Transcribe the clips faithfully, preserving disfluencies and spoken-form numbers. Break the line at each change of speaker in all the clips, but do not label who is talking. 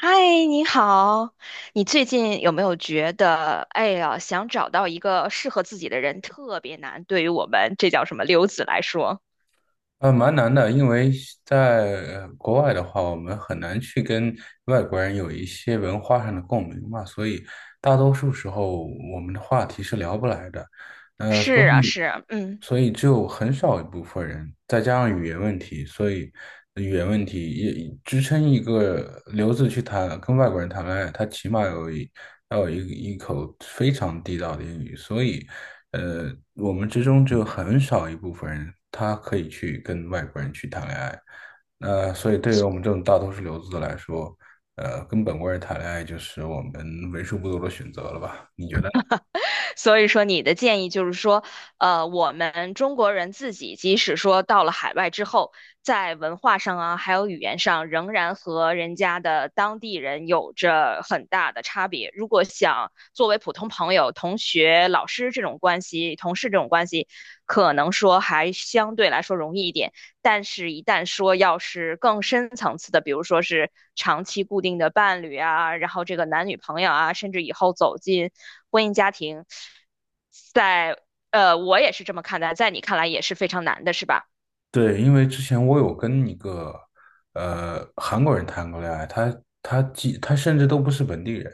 嗨，你好，你最近有没有觉得，哎呀，想找到一个适合自己的人特别难？对于我们这叫什么留子来说，
呃，蛮难的，因为在呃国外的话，我们很难去跟外国人有一些文化上的共鸣嘛，所以大多数时候我们的话题是聊不来的。呃，所
是啊，
以
是啊嗯。
所以只有很少一部分人，再加上语言问题，所以语言问题也支撑一个留子去谈跟外国人谈恋爱，他起码有一要有一一口非常地道的英语，所以。呃，我们之中只有很少一部分人，他可以去跟外国人去谈恋爱。那所以对于我们这种大多数留子来说，呃，跟本国人谈恋爱就是我们为数不多的选择了吧？你觉得呢？
所以说，你的建议就是说，呃，我们中国人自己，即使说到了海外之后，在文化上啊，还有语言上，仍然和人家的当地人有着很大的差别。如果想作为普通朋友、同学、老师这种关系、同事这种关系，可能说还相对来说容易一点。但是，一旦说要是更深层次的，比如说是长期固定的伴侣啊，然后这个男女朋友啊，甚至以后走进婚姻家庭，在呃，我也是这么看待，在你看来也是非常难的，是吧？
对，因为之前我有跟一个呃韩国人谈过恋爱，他他几他甚至都不是本地人，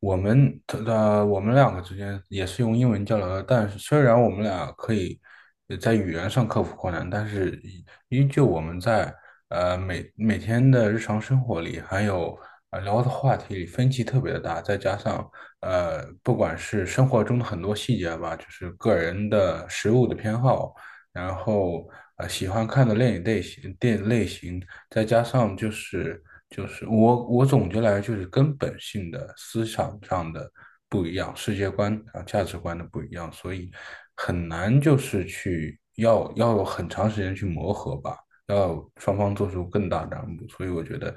我们他呃我们两个之间也是用英文交流的，但是虽然我们俩可以呃在语言上克服困难，但是依依旧我们在呃每每天的日常生活里，还有呃聊的话题里分歧特别的大，再加上呃不管是生活中的很多细节吧，就是个人的食物的偏好。然后呃喜欢看的电影类型、电影类型，再加上就是就是我我总结来就是根本性的思想上的不一样，世界观啊价值观的不一样，所以很难就是去要要有很长时间去磨合吧，要双方做出更大的让步。所以我觉得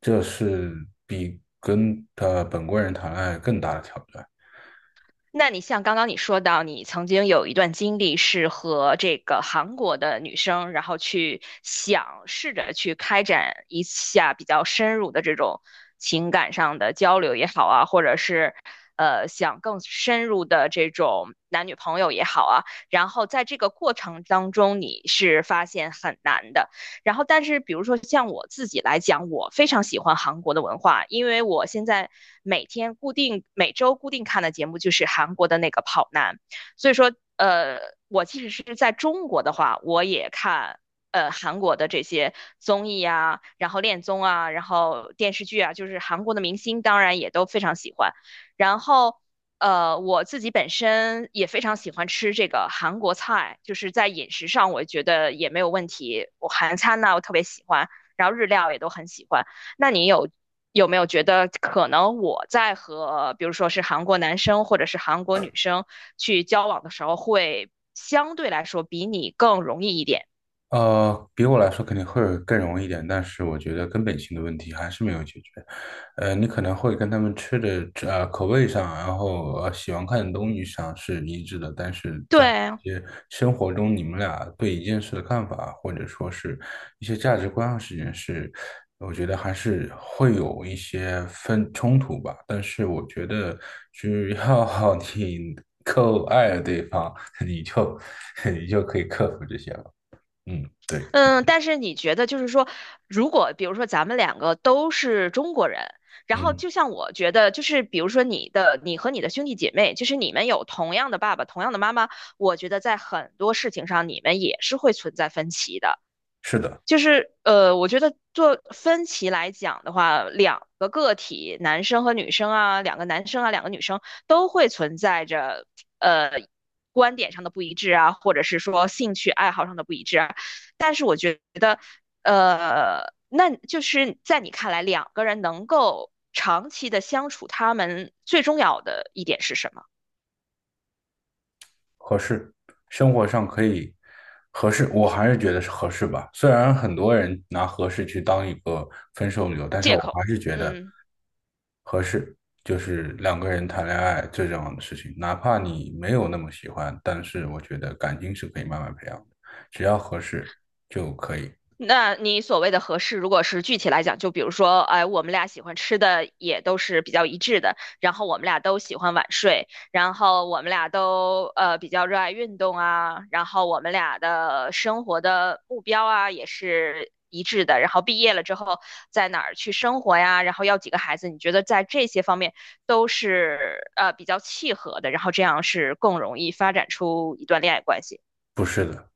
这是比跟呃本国人谈恋爱更大的挑战。
那你像刚刚你说到，你曾经有一段经历是和这个韩国的女生，然后去想试着去开展一下比较深入的这种情感上的交流也好啊，或者是呃想更深入的这种男女朋友也好啊，然后在这个过程当中，你是发现很难的。然后，但是比如说像我自己来讲，我非常喜欢韩国的文化，因为我现在每天固定、每周固定看的节目就是韩国的那个《跑男》，所以说，呃，我即使是在中国的话，我也看。呃，韩国的这些综艺啊，然后恋综啊，然后电视剧啊，就是韩国的明星，当然也都非常喜欢。然后呃，我自己本身也非常喜欢吃这个韩国菜，就是在饮食上我觉得也没有问题。我韩餐呢，我特别喜欢，然后日料也都很喜欢。那你有有没有觉得可能我在和比如说是韩国男生或者是韩国女生去交往的时候，会相对来说比你更容易一点？
呃，比我来说肯定会更容易一点，但是我觉得根本性的问题还是没有解决。呃，你可能会跟他们吃的呃口味上，然后呃喜欢看的东西上是一致的，但是在
对，
一些生活中，你们俩对一件事的看法，或者说是一些价值观上事情是，我觉得还是会有一些分冲突吧。但是我觉得，只要 你够爱对方，你就 你就可以了。嗯
嗯，但是你觉得就是说，如果比如说咱们两个都是中国人，然后
嗯。
就像我觉得，就是比如说你的，你和你的兄弟姐妹，就是你们有同样的爸爸、同样的妈妈，我觉得在很多事情上你们也是会存在分歧的。
是的，
就是呃，我觉得做分歧来讲的话，两个个体，男生和女生啊，两个男生啊，两个女生都会存在着呃观点上的不一致啊，或者是说兴趣爱好上的不一致啊。但是我觉得，呃，那就是在你看来，两个人能够长期的相处，他们最重要的一点是什么？
合适，生活上可以合适，我还是觉得是合适吧。虽然很多人拿合适去当一个分手理由，但是
借
我
口，
还是觉得
嗯。
合适就是两个人谈恋爱最重要的事情。哪怕你没有那么喜欢，但是我觉得感情是可以慢慢培养的，只要合适就可以。
那你所谓的合适，如果是具体来讲，就比如说，哎，我们俩喜欢吃的也都是比较一致的，然后我们俩都喜欢晚睡，然后我们俩都呃比较热爱运动啊，然后我们俩的生活的目标啊也是一致的，然后毕业了之后在哪儿去生活呀，然后要几个孩子，你觉得在这些方面都是呃比较契合的，然后这样是更容易发展出一段恋爱关系。
不是的，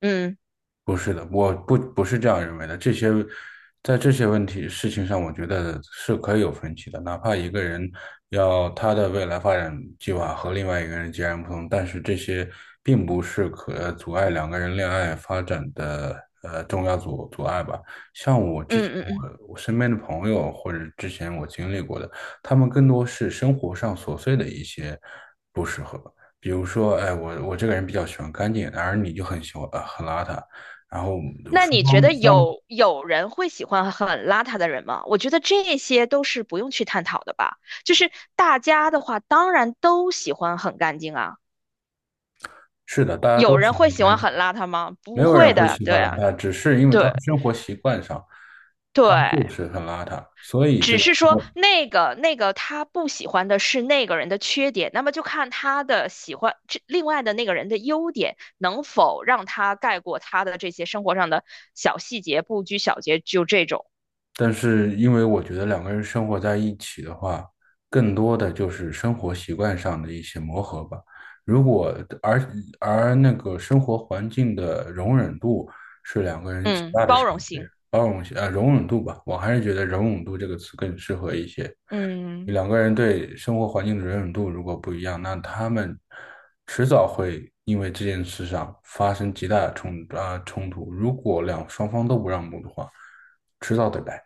嗯
不是的，我不不是这样认为的。这些在这些问题事情上，我觉得是可以有分歧的。哪怕一个人要他的未来发展计划和另外一个人截然不同，但是这些并不是可阻碍两个人恋爱发展的呃重要阻阻碍吧。像我之
嗯
前
嗯嗯。
我我身边的朋友或者之前我经历过的，他们更多是生活上琐碎的一些不适合。比如说，哎，我我这个人比较喜欢干净，而你就很喜欢呃很邋遢，然后
那
双
你觉
方
得
双
有有人会喜欢很邋遢的人吗？我觉得这些都是不用去探讨的吧。就是大家的话，当然都喜欢很干净啊。
是的，大家
有
都喜
人会
欢
喜
白
欢
酒，
很邋遢吗？
没
不
有人
会
会
的，
喜
对
欢邋
啊，
遢，只是因为他
对
的生活习惯上，他就
对，
是很邋遢，所以就
只是说
说，
那个那个他不喜欢的是那个人的缺点，那么就看他的喜欢这另外的那个人的优点能否让他盖过他的这些生活上的小细节、不拘小节，就这种，
但是因为我觉得两个人生活在一起的话，更多的就是生活习惯上的一些磨合吧。如果而而那个生活环境的容忍度是两个人极
嗯，
大的
包
差
容
别，
性，
包容性呃容忍度吧，我还是觉得容忍度这个词更适合一些。
嗯。
两个人对生活环境的容忍度如果不一样，那他们迟早会因为这件事上发生极大的冲啊、冲突。如果两双方都不让步的话，迟早得来。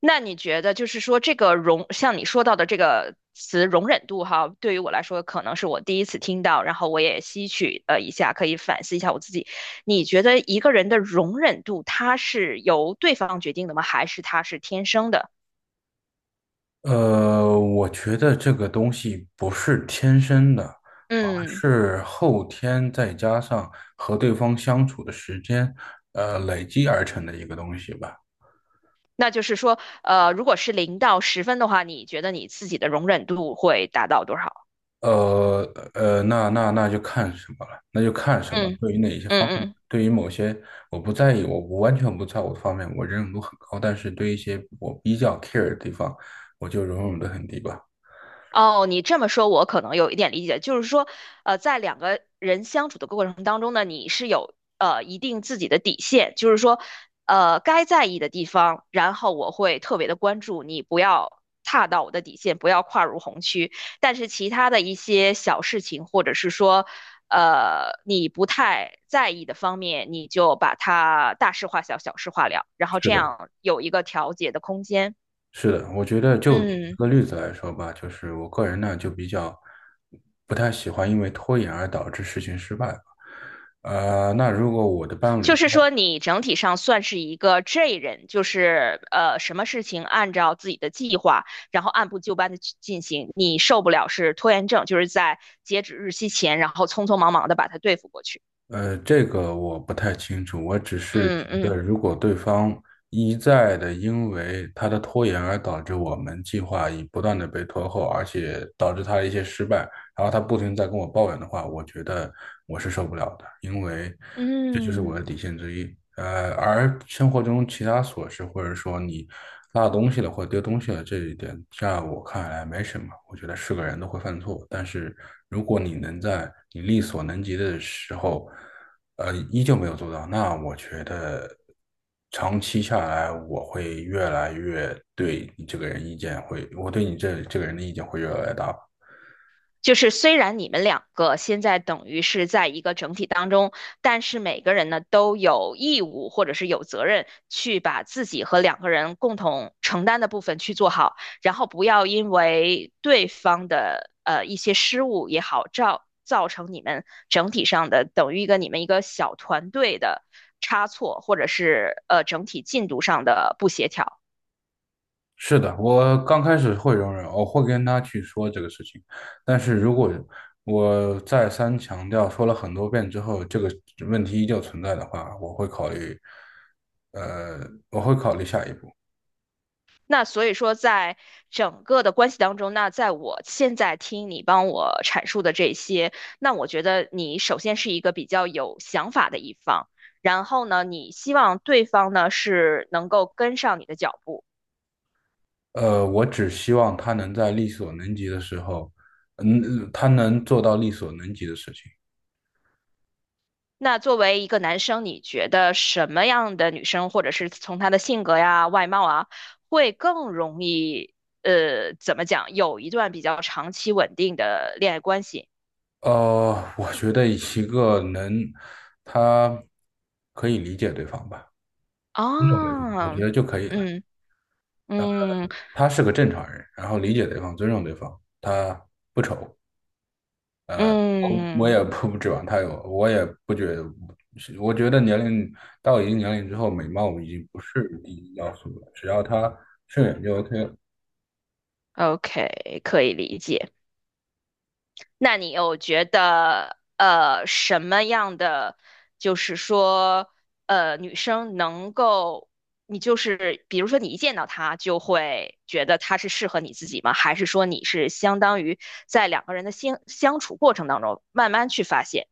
那你觉得就是说这个容，像你说到的这个词容忍度哈，对于我来说可能是我第一次听到，然后我也吸取了一下，可以反思一下我自己。你觉得一个人的容忍度，它是由对方决定的吗？还是他是天生的？
呃，我觉得这个东西不是天生的，而
嗯，
是后天再加上和对方相处的时间，呃，累积而成的一个东西吧。
那就是说，呃，如果是零到十分的话，你觉得你自己的容忍度会达到多少？
呃呃，那那那就看什么了，那就看什么。
嗯
对于哪一些
嗯
方面，
嗯。
对于某些我不在意，我我完全不在乎的方面，我忍容度很高。但是对一些我比较 care 的地方，我就容忍度很低吧。
哦，你这么说，我可能有一点理解，就是说，呃，在两个人相处的过程当中呢，你是有呃一定自己的底线，就是说，呃，该在意的地方，然后我会特别的关注你，不要踏到我的底线，不要跨入红区。但是其他的一些小事情，或者是说，呃，你不太在意的方面，你就把它大事化小，小事化了，然后
是
这
的，
样有一个调节的空间。
是的，我觉得就举一
嗯。
个例子来说吧，就是我个人呢就比较不太喜欢因为拖延而导致事情失败吧。呃，那如果我的伴
就
侣
是说，你整体上算是一个 J 人，就是呃，什么事情按照自己的计划，然后按部就班的去进行。你受不了是拖延症，就是在截止日期前，然后匆匆忙忙的把它对付过去。
呃，这个我不太清楚，我只是
嗯
觉得，
嗯
如果对方一再的因为他的拖延而导致我们计划已不断的被拖后，而且导致他的一些失败，然后他不停地在跟我抱怨的话，我觉得我是受不了的，因为这就是我
嗯。
的底线之一。呃，而生活中其他琐事，或者说你落东西了或者丢东西了这一点，在我看来没什么。我觉得是个人都会犯错，但是如果你能在你力所能及的时候，呃，依旧没有做到，那我觉得长期下来，我会越来越对你这个人意见会，我对你这这个人的意见会越来越大。
就是虽然你们两个现在等于是在一个整体当中，但是每个人呢都有义务或者是有责任去把自己和两个人共同承担的部分去做好，然后不要因为对方的呃一些失误也好，造造成你们整体上的等于一个你们一个小团队的差错，或者是呃整体进度上的不协调。
是的，我刚开始会容忍，我会跟他去说这个事情，但是如果我再三强调，说了很多遍之后，这个问题依旧存在的话，我会考虑，呃，我会考虑下一步。
那所以说，在整个的关系当中，那在我现在听你帮我阐述的这些，那我觉得你首先是一个比较有想法的一方，然后呢，你希望对方呢是能够跟上你的脚步。
呃，我只希望他能在力所能及的时候，嗯，他能做到力所能及的事情。
那作为一个男生，你觉得什么样的女生，或者是从她的性格呀、外貌啊，会更容易呃，怎么讲，有一段比较长期稳定的恋爱关系？
呃，我觉得一个能，他可以理解对方吧，尊重对方，我
啊，
觉得就可以了。
嗯嗯。
他是个正常人，然后理解对方，尊重对方，他不丑，我我
嗯
也不不指望他有，我也不觉得，我觉得年龄到一定年龄之后，美貌已经不是第一要素了，只要他顺眼就 OK 了。
，O K，可以理解。那你又觉得呃什么样的，就是说呃女生能够，你就是比如说你一见到她就会觉得她是适合你自己吗？还是说你是相当于在两个人的相相处过程当中慢慢去发现，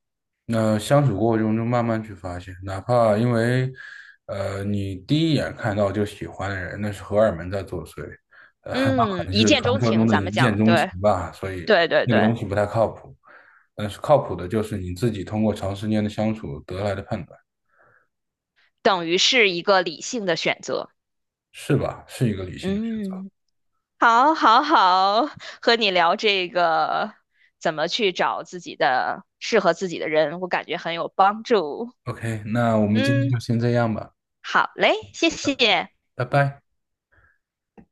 那相处过程中就慢慢去发现，哪怕因为，呃，你第一眼看到就喜欢的人，那是荷尔蒙在作祟，呃，那可
嗯，
能
一
是
见
传
钟
说中
情，
的
咱
一
们
见
讲，
钟情
对
吧，所以
对对
那个
对，
东西不太靠谱。但是靠谱的就是你自己通过长时间的相处得来的判断，
等于是一个理性的选择，
是吧？是一个理性的选择。
嗯。好，好，好，和你聊这个怎么去找自己的适合自己的人，我感觉很有帮助。
OK,那我们今天
嗯，
就先这样吧，
好嘞，谢谢。
拜拜。